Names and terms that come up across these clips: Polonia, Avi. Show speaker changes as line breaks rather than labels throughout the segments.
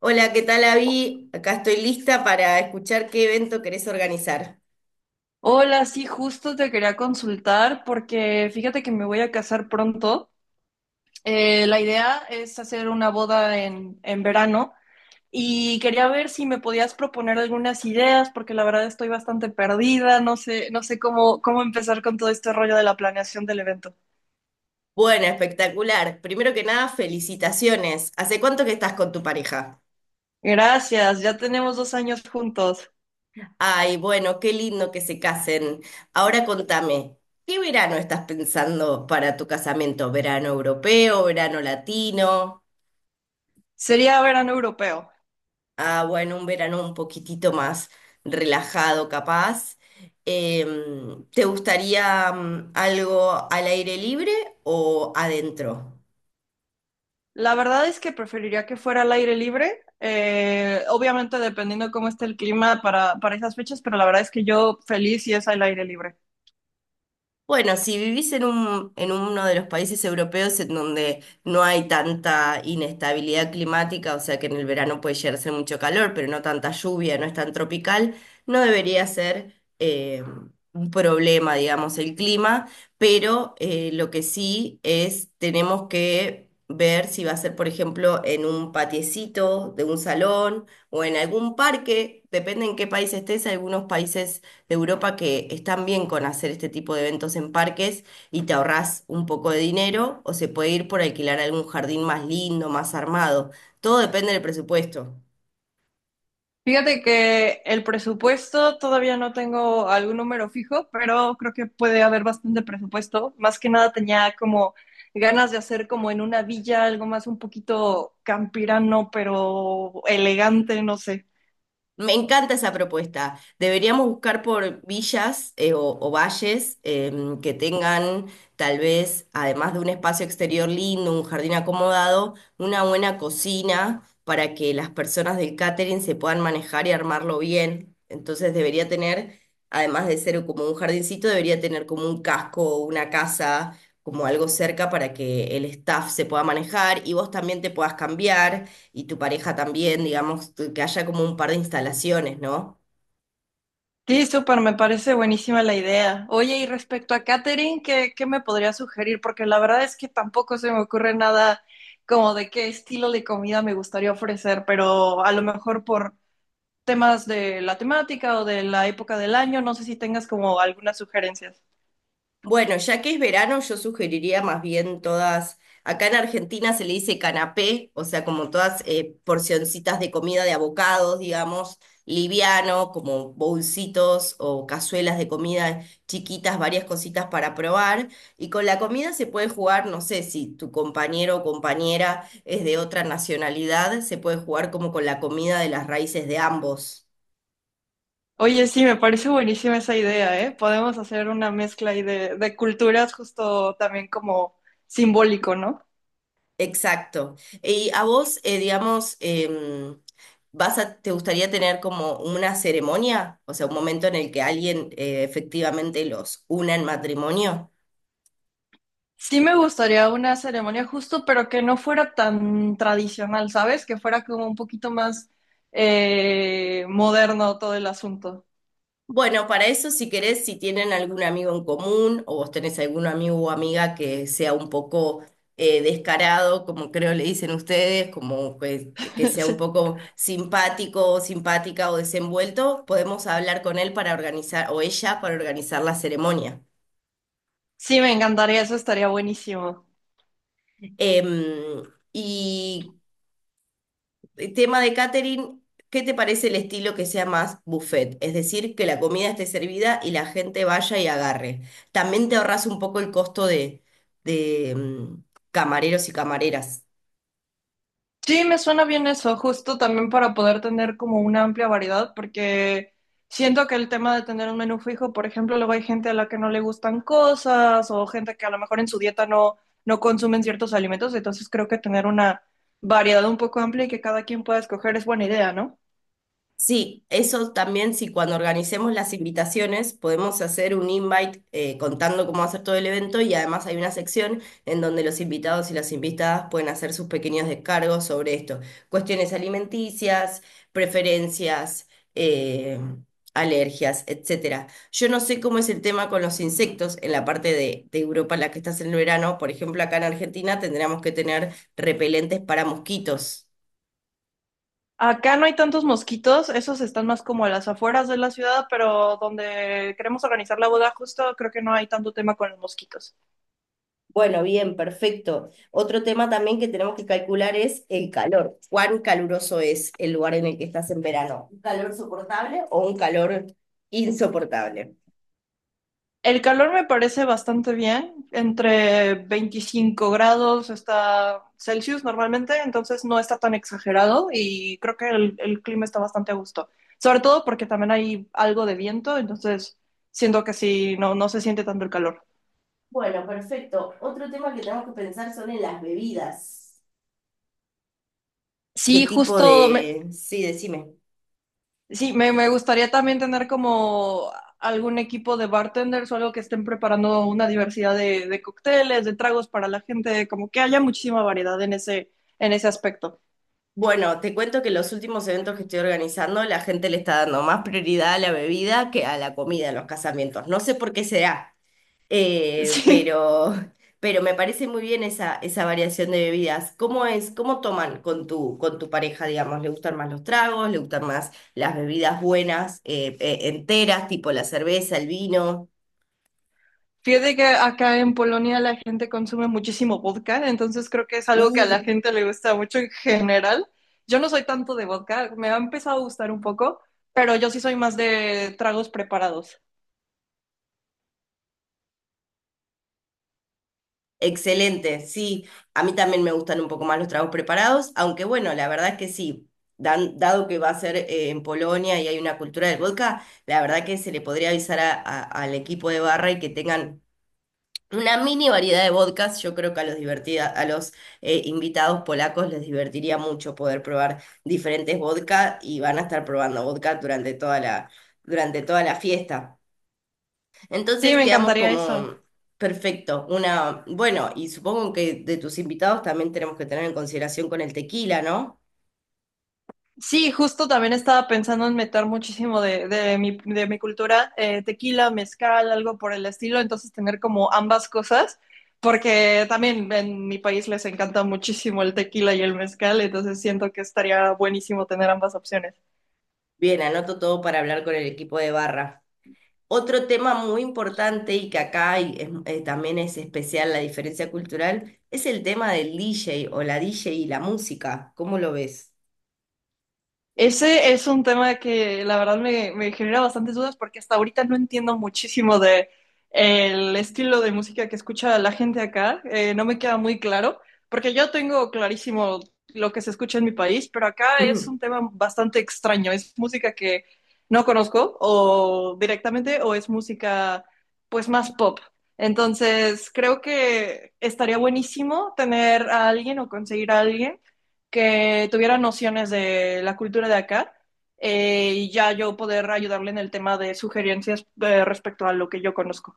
Hola, ¿qué tal, Avi? Acá estoy lista para escuchar qué evento querés organizar.
Hola, sí, justo te quería consultar porque fíjate que me voy a casar pronto. La idea es hacer una boda en verano y quería ver si me podías proponer algunas ideas porque la verdad estoy bastante perdida, no sé cómo empezar con todo este rollo de la planeación del evento.
Bueno, espectacular. Primero que nada, felicitaciones. ¿Hace cuánto que estás con tu pareja?
Gracias, ya tenemos dos años juntos.
Ay, bueno, qué lindo que se casen. Ahora contame, ¿qué verano estás pensando para tu casamiento? ¿Verano europeo, verano latino?
Sería verano europeo.
Ah, bueno, un verano un poquitito más relajado, capaz. ¿Te gustaría algo al aire libre o adentro?
La verdad es que preferiría que fuera al aire libre, obviamente dependiendo cómo esté el clima para esas fechas, pero la verdad es que yo feliz si es al aire libre.
Bueno, si vivís en un, en uno de los países europeos en donde no hay tanta inestabilidad climática, o sea que en el verano puede llegar a ser mucho calor, pero no tanta lluvia, no es tan tropical, no debería ser eh, un problema, digamos, el clima, pero lo que sí es, tenemos que ver si va a ser, por ejemplo, en un patiecito de un salón o en algún parque, depende en qué país estés, algunos países de Europa que están bien con hacer este tipo de eventos en parques y te ahorras un poco de dinero o se puede ir por alquilar algún jardín más lindo, más armado. Todo depende del presupuesto.
Fíjate que el presupuesto todavía no tengo algún número fijo, pero creo que puede haber bastante presupuesto. Más que nada tenía como ganas de hacer como en una villa algo más un poquito campirano, pero elegante, no sé.
Me encanta esa propuesta. Deberíamos buscar por villas o valles que tengan tal vez, además de un espacio exterior lindo, un jardín acomodado, una buena cocina para que las personas del catering se puedan manejar y armarlo bien. Entonces debería tener, además de ser como un jardincito, debería tener como un casco o una casa, como algo cerca para que el staff se pueda manejar y vos también te puedas cambiar y tu pareja también, digamos, que haya como un par de instalaciones, ¿no?
Sí, súper, me parece buenísima la idea. Oye, y respecto a catering, ¿ qué me podría sugerir? Porque la verdad es que tampoco se me ocurre nada como de qué estilo de comida me gustaría ofrecer, pero a lo mejor por temas de la temática o de la época del año, no sé si tengas como algunas sugerencias.
Bueno, ya que es verano, yo sugeriría más bien todas, acá en Argentina se le dice canapé, o sea, como todas porcioncitas de comida de abocados, digamos, liviano, como bolsitos o cazuelas de comida chiquitas, varias cositas para probar. Y con la comida se puede jugar, no sé, si tu compañero o compañera es de otra nacionalidad, se puede jugar como con la comida de las raíces de ambos.
Oye, sí, me parece buenísima esa idea, ¿eh? Podemos hacer una mezcla ahí de culturas justo también como simbólico, ¿no?
Exacto. Y a vos, digamos, ¿te gustaría tener como una ceremonia? O sea, un momento en el que alguien efectivamente los una en matrimonio.
Sí me gustaría una ceremonia justo, pero que no fuera tan tradicional, ¿sabes? Que fuera como un poquito más moderno todo el asunto.
Bueno, para eso, si querés, si tienen algún amigo en común o vos tenés algún amigo o amiga que sea un poco descarado, como creo le dicen ustedes, como que sea un
Sí.
poco simpático o simpática o desenvuelto, podemos hablar con él para organizar, o ella para organizar la ceremonia.
Sí, me encantaría, eso estaría buenísimo.
Em, y el tema de catering, ¿qué te parece el estilo que sea más buffet? Es decir, que la comida esté servida y la gente vaya y agarre. También te ahorras un poco el costo de camareros y camareras.
Sí, me suena bien eso, justo también para poder tener como una amplia variedad, porque siento que el tema de tener un menú fijo, por ejemplo, luego hay gente a la que no le gustan cosas o gente que a lo mejor en su dieta no, no consumen ciertos alimentos, entonces creo que tener una variedad un poco amplia y que cada quien pueda escoger es buena idea, ¿no?
Sí, eso también, si cuando organicemos las invitaciones podemos hacer un invite contando cómo hacer todo el evento y además hay una sección en donde los invitados y las invitadas pueden hacer sus pequeños descargos sobre esto. Cuestiones alimenticias, preferencias, eh, alergias, etcétera. Yo no sé cómo es el tema con los insectos en la parte de Europa en la que estás en el verano. Por ejemplo, acá en Argentina tendríamos que tener repelentes para mosquitos.
Acá no hay tantos mosquitos, esos están más como a las afueras de la ciudad, pero donde queremos organizar la boda justo, creo que no hay tanto tema con los mosquitos.
Bueno, bien, perfecto. Otro tema también que tenemos que calcular es el calor. ¿Cuán caluroso es el lugar en el que estás en verano? ¿Un calor soportable o un calor insoportable?
El calor me parece bastante bien, entre 25 grados está Celsius normalmente, entonces no está tan exagerado y creo que el clima está bastante a gusto. Sobre todo porque también hay algo de viento, entonces siento que sí, no, no se siente tanto el calor.
Bueno, perfecto. Otro tema que tenemos que pensar son en las bebidas. ¿Qué
Sí,
tipo
justo me,
de...? Sí, decime.
Sí, me gustaría también tener como algún equipo de bartenders o algo que estén preparando una diversidad de cócteles, de tragos para la gente, como que haya muchísima variedad en en ese aspecto.
Bueno, te cuento que los últimos eventos que estoy organizando, la gente le está dando más prioridad a la bebida que a la comida en los casamientos. No sé por qué será.
Sí,
Pero, pero me parece muy bien esa variación de bebidas. ¿Cómo es, cómo toman con con tu pareja, digamos? ¿Le gustan más los tragos? ¿Le gustan más las bebidas buenas, enteras, tipo la cerveza, el vino?
fíjate que acá en Polonia la gente consume muchísimo vodka, entonces creo que es algo que a la
Uh,
gente le gusta mucho en general. Yo no soy tanto de vodka, me ha empezado a gustar un poco, pero yo sí soy más de tragos preparados.
excelente, sí. A mí también me gustan un poco más los tragos preparados, aunque bueno, la verdad es que sí. Dado que va a ser en Polonia y hay una cultura del vodka, la verdad que se le podría avisar al equipo de barra y que tengan una mini variedad de vodkas, yo creo que a los divertida, a los invitados polacos les divertiría mucho poder probar diferentes vodka y van a estar probando vodka durante toda durante toda la fiesta.
Sí,
Entonces
me
quedamos
encantaría
como
eso.
perfecto. Una, bueno, y supongo que de tus invitados también tenemos que tener en consideración con el tequila, ¿no?
Sí, justo también estaba pensando en meter muchísimo de mi cultura, tequila, mezcal, algo por el estilo, entonces tener como ambas cosas, porque también en mi país les encanta muchísimo el tequila y el mezcal, entonces siento que estaría buenísimo tener ambas opciones.
Bien, anoto todo para hablar con el equipo de barra. Otro tema muy importante y que acá también es especial la diferencia cultural es el tema del DJ o la DJ y la música. ¿Cómo lo ves?
Ese es un tema que la verdad me genera bastantes dudas porque hasta ahorita no entiendo muchísimo de el estilo de música que escucha la gente acá. No me queda muy claro porque yo tengo clarísimo lo que se escucha en mi país, pero acá es un tema bastante extraño. Es música que no conozco o directamente o es música pues más pop. Entonces creo que estaría buenísimo tener a alguien o conseguir a alguien que tuviera nociones de la cultura de acá, y ya yo poder ayudarle en el tema de sugerencias respecto a lo que yo conozco.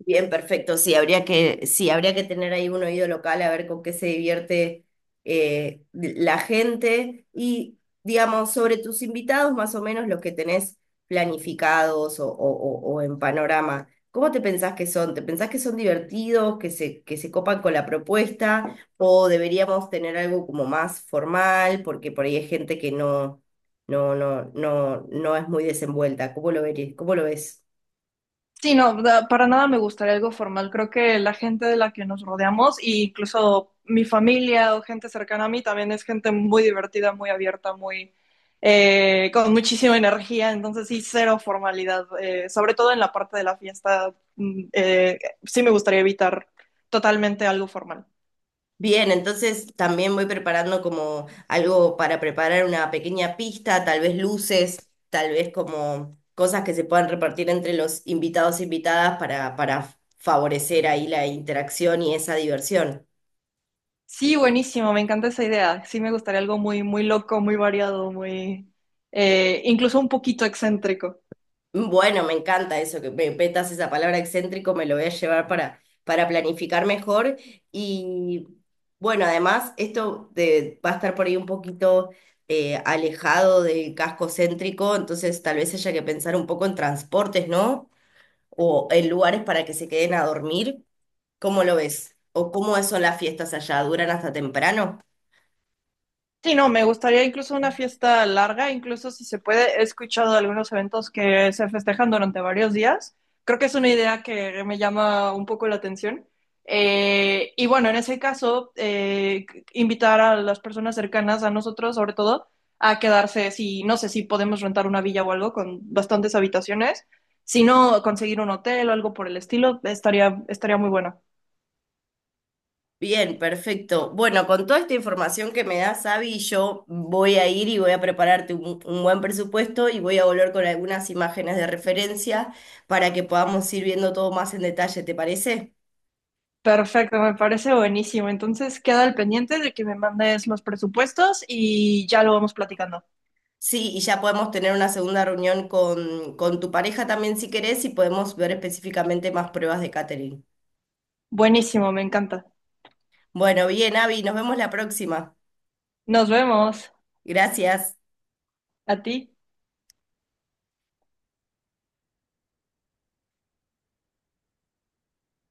Bien, perfecto. Sí, habría sí, habría que tener ahí un oído local a ver con qué se divierte la gente. Y, digamos, sobre tus invitados, más o menos los que tenés planificados o en panorama, ¿cómo te pensás que son? ¿Te pensás que son divertidos, que que se copan con la propuesta? ¿O deberíamos tener algo como más formal? Porque por ahí hay gente que no es muy desenvuelta. ¿Cómo lo ves?
Sí, no, para nada me gustaría algo formal. Creo que la gente de la que nos rodeamos, e incluso mi familia o gente cercana a mí, también es gente muy divertida, muy abierta, muy con muchísima energía. Entonces sí, cero formalidad, sobre todo en la parte de la fiesta. Sí me gustaría evitar totalmente algo formal.
Bien, entonces también voy preparando como algo para preparar una pequeña pista, tal vez luces, tal vez como cosas que se puedan repartir entre los invitados e invitadas para favorecer ahí la interacción y esa diversión.
Sí, buenísimo, me encanta esa idea. Sí, me gustaría algo muy, muy loco, muy variado, incluso un poquito excéntrico.
Bueno, me encanta eso, que me petas esa palabra excéntrico, me lo voy a llevar para planificar mejor. Y bueno, además, va a estar por ahí un poquito alejado del casco céntrico, entonces tal vez haya que pensar un poco en transportes, ¿no? O en lugares para que se queden a dormir. ¿Cómo lo ves? ¿O cómo son las fiestas allá? ¿Duran hasta temprano?
Sí, no, me gustaría incluso una fiesta larga, incluso si se puede. He escuchado de algunos eventos que se festejan durante varios días. Creo que es una idea que me llama un poco la atención. Y bueno, en ese caso, invitar a las personas cercanas, a nosotros sobre todo, a quedarse, si no sé si podemos rentar una villa o algo con bastantes habitaciones, si no, conseguir un hotel o algo por el estilo, estaría muy bueno.
Bien, perfecto. Bueno, con toda esta información que me das, Abby, yo voy a ir y voy a prepararte un buen presupuesto y voy a volver con algunas imágenes de referencia para que podamos ir viendo todo más en detalle, ¿te parece?
Perfecto, me parece buenísimo. Entonces queda al pendiente de que me mandes los presupuestos y ya lo vamos platicando.
Sí, y ya podemos tener una segunda reunión con tu pareja también si querés y podemos ver específicamente más pruebas de catering.
Buenísimo, me encanta.
Bueno, bien, Abby, nos vemos la próxima.
Nos vemos.
Gracias.
A ti.